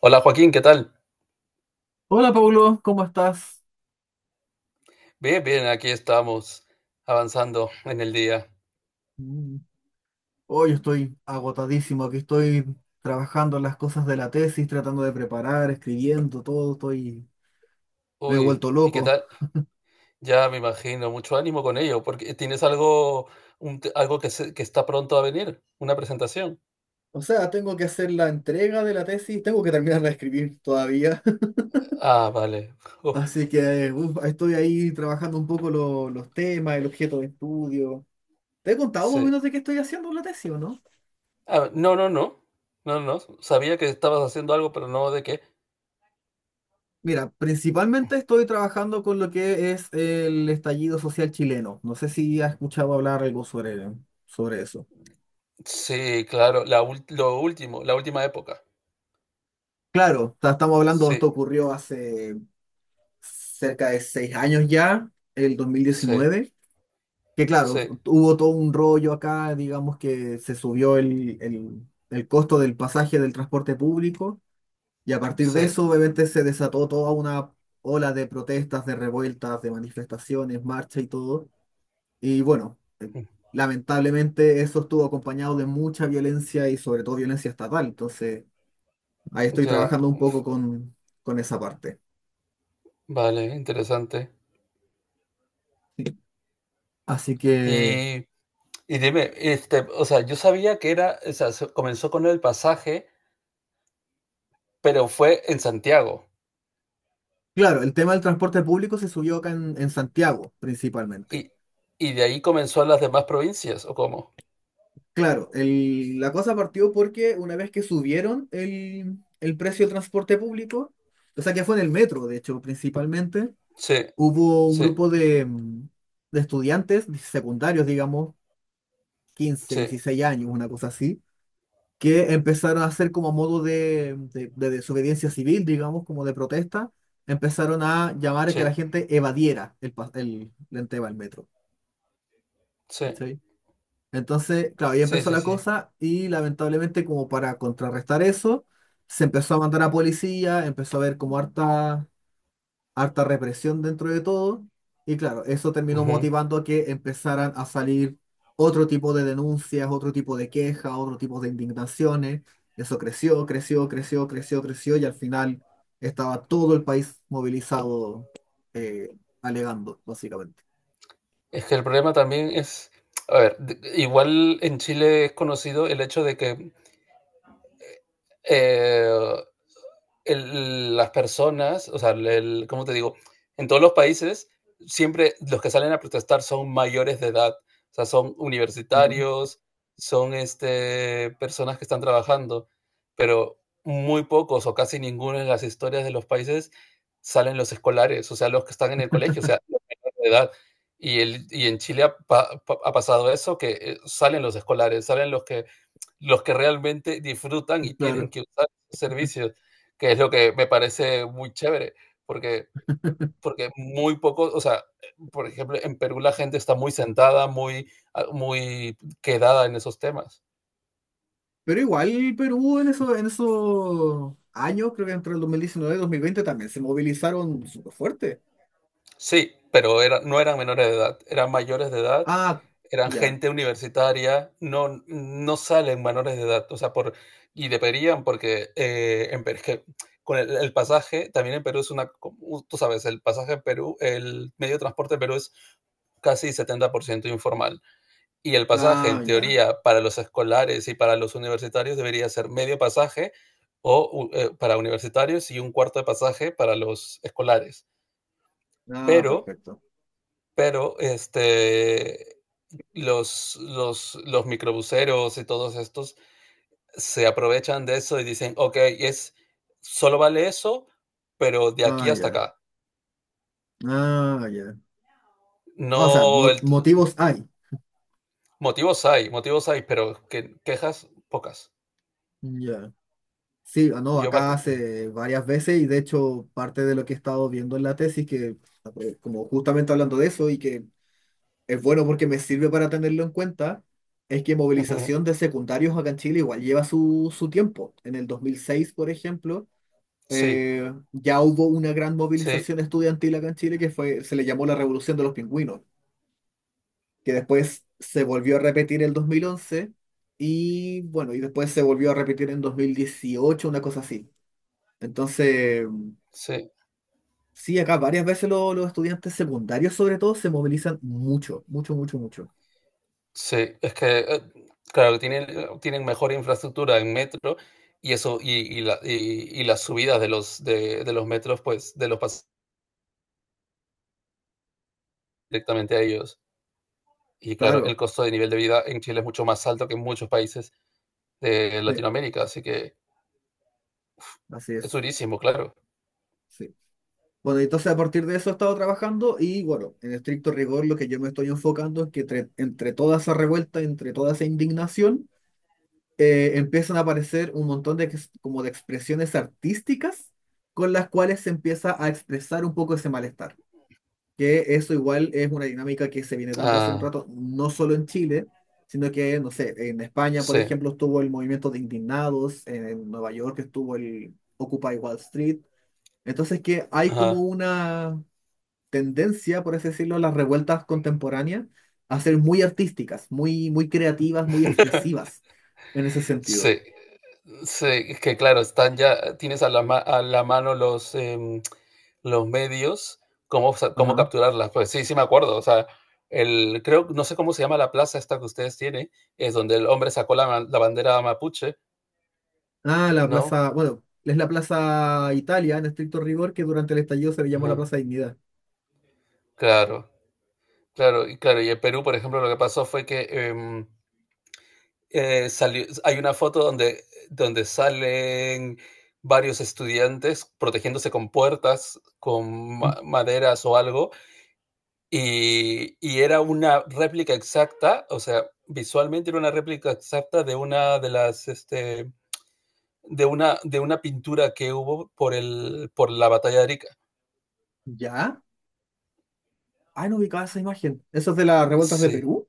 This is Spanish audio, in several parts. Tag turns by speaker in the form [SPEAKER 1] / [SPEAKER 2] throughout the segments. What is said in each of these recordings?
[SPEAKER 1] Hola Joaquín, ¿qué tal?
[SPEAKER 2] Hola Paulo, ¿cómo estás?
[SPEAKER 1] Bien, bien, aquí estamos avanzando en el día.
[SPEAKER 2] Mm, hoy estoy agotadísimo, aquí estoy trabajando en las cosas de la tesis, tratando de preparar, escribiendo, todo, estoy... Me he
[SPEAKER 1] Uy,
[SPEAKER 2] vuelto
[SPEAKER 1] ¿y qué
[SPEAKER 2] loco.
[SPEAKER 1] tal? Ya me imagino, mucho ánimo con ello, porque tienes algo, algo que, que está pronto a venir, una presentación.
[SPEAKER 2] O sea, tengo que hacer la entrega de la tesis, tengo que terminar de escribir todavía.
[SPEAKER 1] Ah, vale. Uf,
[SPEAKER 2] Así que uf, estoy ahí trabajando un poco los temas, el objeto de estudio. ¿Te he contado más o
[SPEAKER 1] sí.
[SPEAKER 2] menos de qué estoy haciendo en la tesis o no?
[SPEAKER 1] Ah, no, no, no, no, no. Sabía que estabas haciendo algo, pero no de qué.
[SPEAKER 2] Mira, principalmente estoy trabajando con lo que es el estallido social chileno. No sé si has escuchado hablar algo sobre, sobre eso.
[SPEAKER 1] Sí, claro, lo último, la última época.
[SPEAKER 2] Claro, estamos hablando,
[SPEAKER 1] Sí,
[SPEAKER 2] esto ocurrió hace cerca de seis años ya, el
[SPEAKER 1] sí,
[SPEAKER 2] 2019, que claro,
[SPEAKER 1] sí,
[SPEAKER 2] hubo todo un rollo acá, digamos que se subió el costo del pasaje del transporte público, y a partir de
[SPEAKER 1] sí.
[SPEAKER 2] eso obviamente se desató toda una ola de protestas, de revueltas, de manifestaciones, marcha y todo. Y bueno, lamentablemente eso estuvo acompañado de mucha violencia y sobre todo violencia estatal. Entonces, ahí estoy
[SPEAKER 1] Ya,
[SPEAKER 2] trabajando un poco con esa parte.
[SPEAKER 1] vale, interesante.
[SPEAKER 2] Así que,
[SPEAKER 1] Y Y dime, este, o sea, yo sabía que era, o sea, comenzó con el pasaje, pero fue en Santiago.
[SPEAKER 2] claro, el tema del transporte público se subió acá en Santiago, principalmente.
[SPEAKER 1] Y, y de ahí comenzó a las demás provincias, ¿o cómo?
[SPEAKER 2] Claro, la cosa partió porque una vez que subieron el precio del transporte público, o sea que fue en el metro, de hecho, principalmente,
[SPEAKER 1] Sí,
[SPEAKER 2] hubo un
[SPEAKER 1] sí,
[SPEAKER 2] grupo de, de estudiantes secundarios, digamos, quince,
[SPEAKER 1] sí,
[SPEAKER 2] 16 años, una cosa así, que empezaron a hacer como modo de, de desobediencia civil, digamos, como de protesta, empezaron a llamar a
[SPEAKER 1] sí,
[SPEAKER 2] que la gente evadiera el, el tema del metro.
[SPEAKER 1] sí,
[SPEAKER 2] ¿Cachai? Entonces, claro, ahí
[SPEAKER 1] sí,
[SPEAKER 2] empezó
[SPEAKER 1] sí,
[SPEAKER 2] la
[SPEAKER 1] sí.
[SPEAKER 2] cosa y lamentablemente como para contrarrestar eso, se empezó a mandar a policía, empezó a haber como harta represión dentro de todo, y claro, eso terminó
[SPEAKER 1] Ujú.
[SPEAKER 2] motivando a que empezaran a salir otro tipo de denuncias, otro tipo de quejas, otro tipo de indignaciones. Eso creció, creció, creció, creció, creció, y al final estaba todo el país movilizado, eh, alegando, básicamente.
[SPEAKER 1] Es que el problema también es, a ver, igual en Chile es conocido el hecho de que eh, las personas, o sea, el, ¿cómo te digo? En todos los países, siempre los que salen a protestar son mayores de edad, o sea, son
[SPEAKER 2] Ujú.
[SPEAKER 1] universitarios, son este, personas que están trabajando, pero muy pocos o casi ninguno en las historias de los países salen los escolares, o sea, los que están en el colegio, o sea, los menores de edad. Y, el, y en Chile ha, ha pasado eso, que salen los escolares, salen los que realmente disfrutan y tienen
[SPEAKER 2] Claro.
[SPEAKER 1] que usar servicios que es lo que me parece muy chévere, porque, porque muy pocos o sea, por ejemplo, en Perú la gente está muy sentada, muy, ah, muy quedada en esos temas.
[SPEAKER 2] Pero igual Perú en eso, en esos años, creo que entre el 2019 y 2020 también se movilizaron súper fuerte.
[SPEAKER 1] Sí, pero era, no eran menores de edad, eran mayores de edad,
[SPEAKER 2] Ah,
[SPEAKER 1] eran
[SPEAKER 2] ya.
[SPEAKER 1] gente universitaria, no, no salen menores de edad, o sea, por, y deberían, porque en Perú, que con pasaje, también en Perú es una, como tú sabes, el pasaje en Perú, el medio de transporte en Perú es casi 70% informal. Y el pasaje, en
[SPEAKER 2] Ah, ya.
[SPEAKER 1] teoría, para los escolares y para los universitarios debería ser medio pasaje o para universitarios y un cuarto de pasaje para los escolares.
[SPEAKER 2] Ah,
[SPEAKER 1] Pero,
[SPEAKER 2] perfecto.
[SPEAKER 1] pero, este, los microbuseros y todos estos se aprovechan de eso y dicen, ok, es, solo vale eso, pero de aquí
[SPEAKER 2] Ah,
[SPEAKER 1] hasta
[SPEAKER 2] ya.
[SPEAKER 1] acá.
[SPEAKER 2] Ah, ya. Ah, o sea,
[SPEAKER 1] No, el,
[SPEAKER 2] motivos hay.
[SPEAKER 1] motivos hay, pero que, quejas pocas.
[SPEAKER 2] Ya. Sí, ah, no,
[SPEAKER 1] Yo me
[SPEAKER 2] acá
[SPEAKER 1] acu-
[SPEAKER 2] hace varias veces y de hecho parte de lo que he estado viendo en la tesis, que como justamente hablando de eso y que es bueno porque me sirve para tenerlo en cuenta, es que movilización de secundarios acá en Chile igual lleva su, su tiempo. En el 2006, por ejemplo,
[SPEAKER 1] Sí,
[SPEAKER 2] ya hubo una gran
[SPEAKER 1] sí,
[SPEAKER 2] movilización estudiantil acá en Chile que fue, se le llamó la Revolución de los Pingüinos, que después se volvió a repetir el 2011 y bueno, y después se volvió a repetir en 2018, una cosa así. Entonces,
[SPEAKER 1] sí.
[SPEAKER 2] sí, acá varias veces los estudiantes secundarios sobre todo se movilizan mucho, mucho, mucho, mucho.
[SPEAKER 1] Sí, es que, claro, tienen, tienen mejor infraestructura en metro y eso, y, y las subidas de los metros, pues, de los pasan directamente a ellos. Y claro, el
[SPEAKER 2] Claro,
[SPEAKER 1] costo de nivel de vida en Chile es mucho más alto que en muchos países de
[SPEAKER 2] sí,
[SPEAKER 1] Latinoamérica, así que
[SPEAKER 2] así
[SPEAKER 1] es
[SPEAKER 2] es,
[SPEAKER 1] durísimo, claro.
[SPEAKER 2] sí. Bueno, entonces a partir de eso he estado trabajando y bueno, en estricto rigor lo que yo me estoy enfocando es que entre, entre toda esa revuelta, entre toda esa indignación, empiezan a aparecer un montón de, como de expresiones artísticas con las cuales se empieza a expresar un poco ese malestar. Que eso igual es una dinámica que se viene dando hace un
[SPEAKER 1] Ah,
[SPEAKER 2] rato, no solo en Chile, sino que, no sé, en España, por
[SPEAKER 1] sí.
[SPEAKER 2] ejemplo, estuvo el movimiento de indignados, en Nueva York estuvo el Occupy Wall Street. Entonces que hay como
[SPEAKER 1] Ajá.
[SPEAKER 2] una tendencia, por así decirlo, las revueltas contemporáneas a ser muy artísticas, muy, muy creativas, muy expresivas en ese sentido.
[SPEAKER 1] Sí, sí, es que claro, están ya, tienes a la, a la mano los, los medios, cómo, cómo
[SPEAKER 2] Ajá.
[SPEAKER 1] capturarlas. Pues sí, sí me acuerdo. O sea, el, creo, no sé cómo se llama la plaza esta que ustedes tienen, es donde el hombre sacó la, la bandera mapuche,
[SPEAKER 2] Ah, la
[SPEAKER 1] ¿no?
[SPEAKER 2] plaza, bueno, es la Plaza Italia en estricto rigor que durante el estallido se le llamó la
[SPEAKER 1] Ajá.
[SPEAKER 2] Plaza Dignidad.
[SPEAKER 1] Claro, claro, y claro, y en Perú, por ejemplo, lo que pasó fue que salió, hay una foto donde, donde salen varios estudiantes protegiéndose con puertas, con
[SPEAKER 2] Mm.
[SPEAKER 1] maderas o algo. Y era una réplica exacta, o sea, visualmente era una réplica exacta de una de las, este, de una pintura que hubo por el por la batalla de Arica.
[SPEAKER 2] ¿Ya? Ah, no ubicaba esa imagen. ¿Eso es de las revueltas de
[SPEAKER 1] Sí,
[SPEAKER 2] Perú?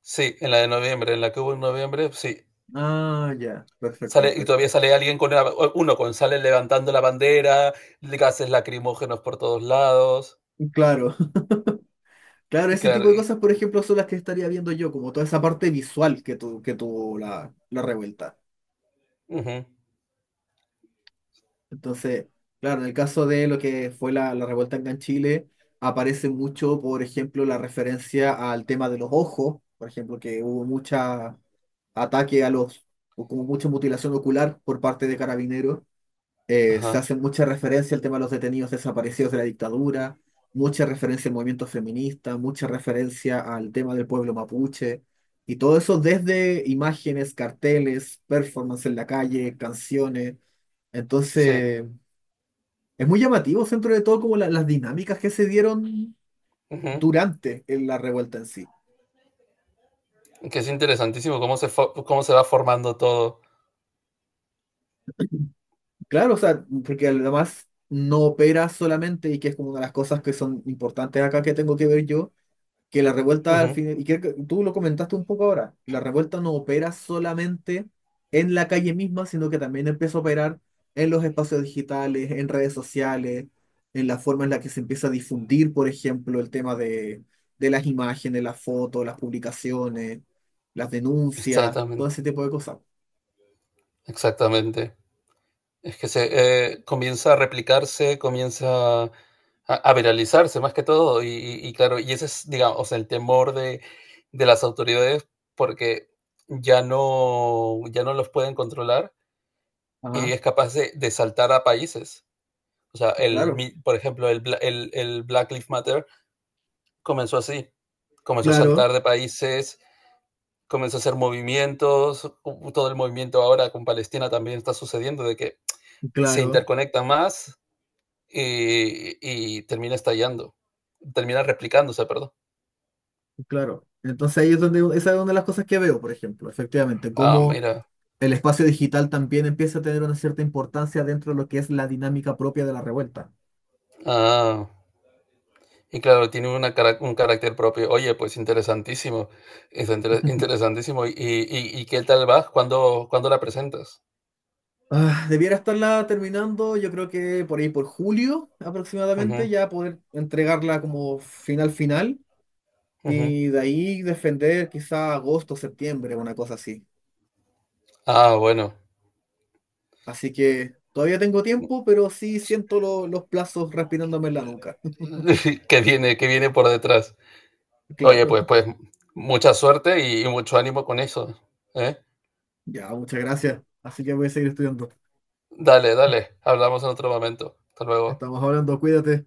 [SPEAKER 1] sí, en la de noviembre, en la que hubo en noviembre, sí.
[SPEAKER 2] Ah, ya, perfecto,
[SPEAKER 1] Sale, y todavía
[SPEAKER 2] perfecto.
[SPEAKER 1] sale uno con sale levantando la bandera, gases lacrimógenos por todos lados.
[SPEAKER 2] Claro, claro, ese tipo
[SPEAKER 1] Claro,
[SPEAKER 2] de cosas, por ejemplo, son las que estaría viendo yo, como toda esa parte visual que, tu, que tuvo la, la revuelta.
[SPEAKER 1] ujú,
[SPEAKER 2] Entonces, claro, en el caso de lo que fue la, la revuelta acá en Chile, aparece mucho, por ejemplo, la referencia al tema de los ojos, por ejemplo, que hubo mucha ataque a los, o como mucho mutilación ocular por parte de carabineros.
[SPEAKER 1] ajá,
[SPEAKER 2] Se hace mucha referencia al tema de los detenidos desaparecidos de la dictadura, mucha referencia al movimiento feminista, mucha referencia al tema del pueblo mapuche, y todo eso desde imágenes, carteles, performance en la calle, canciones.
[SPEAKER 1] sí,
[SPEAKER 2] Entonces, es muy llamativo dentro de todo como las dinámicas que se dieron
[SPEAKER 1] ujú.
[SPEAKER 2] durante la revuelta en sí.
[SPEAKER 1] Que es interesantísimo cómo cómo se va formando todo.
[SPEAKER 2] Claro, o sea, porque además no opera solamente y que es como una de las cosas que son importantes acá que tengo que ver yo, que la revuelta al
[SPEAKER 1] Ujú.
[SPEAKER 2] final, y que tú lo comentaste un poco ahora, la revuelta no opera solamente en la calle misma, sino que también empieza a operar en los espacios digitales, en redes sociales, en la forma en la que se empieza a difundir, por ejemplo, el tema de las imágenes, las fotos, las publicaciones, las denuncias, todo
[SPEAKER 1] Exactamente.
[SPEAKER 2] ese tipo de cosas.
[SPEAKER 1] Exactamente. Es que se comienza a replicarse, comienza a viralizarse más que todo. Y, y claro, y ese es, digamos, o sea, el temor de las autoridades porque ya no, ya no los pueden controlar y
[SPEAKER 2] Ajá,
[SPEAKER 1] es capaz de saltar a países. O sea, el,
[SPEAKER 2] claro,
[SPEAKER 1] por ejemplo, el, el Black Lives Matter comenzó así. Comenzó a
[SPEAKER 2] claro,
[SPEAKER 1] saltar de países, comenzó a hacer movimientos. Todo el movimiento ahora con Palestina también está sucediendo de que se
[SPEAKER 2] claro.
[SPEAKER 1] interconecta más y termina estallando, termina replicándose, perdón.
[SPEAKER 2] Claro, entonces ahí es donde, esa es una de las cosas que veo, por ejemplo, efectivamente,
[SPEAKER 1] Ah,
[SPEAKER 2] cómo
[SPEAKER 1] mira.
[SPEAKER 2] el espacio digital también empieza a tener una cierta importancia dentro de lo que es la dinámica propia de la revuelta.
[SPEAKER 1] Ah, y claro, tiene una, un carácter propio. Oye, pues interesantísimo, es interesantísimo. Y qué tal va? ¿Cuándo, cuándo la presentas?
[SPEAKER 2] Ah, debiera estarla terminando, yo creo que por ahí por julio aproximadamente,
[SPEAKER 1] Ujú,
[SPEAKER 2] ya poder entregarla como final final
[SPEAKER 1] ujú.
[SPEAKER 2] y de ahí defender quizá agosto, septiembre, una cosa así.
[SPEAKER 1] Ah, bueno,
[SPEAKER 2] Así que todavía tengo tiempo, pero sí siento los plazos respirándome en la nuca.
[SPEAKER 1] que viene por detrás. Oye,
[SPEAKER 2] Claro,
[SPEAKER 1] pues, pues, mucha suerte y mucho ánimo con eso, ¿eh?
[SPEAKER 2] ya, muchas gracias. Así que voy a seguir estudiando.
[SPEAKER 1] Dale, dale, hablamos en otro momento. Hasta luego.
[SPEAKER 2] Estamos hablando, cuídate.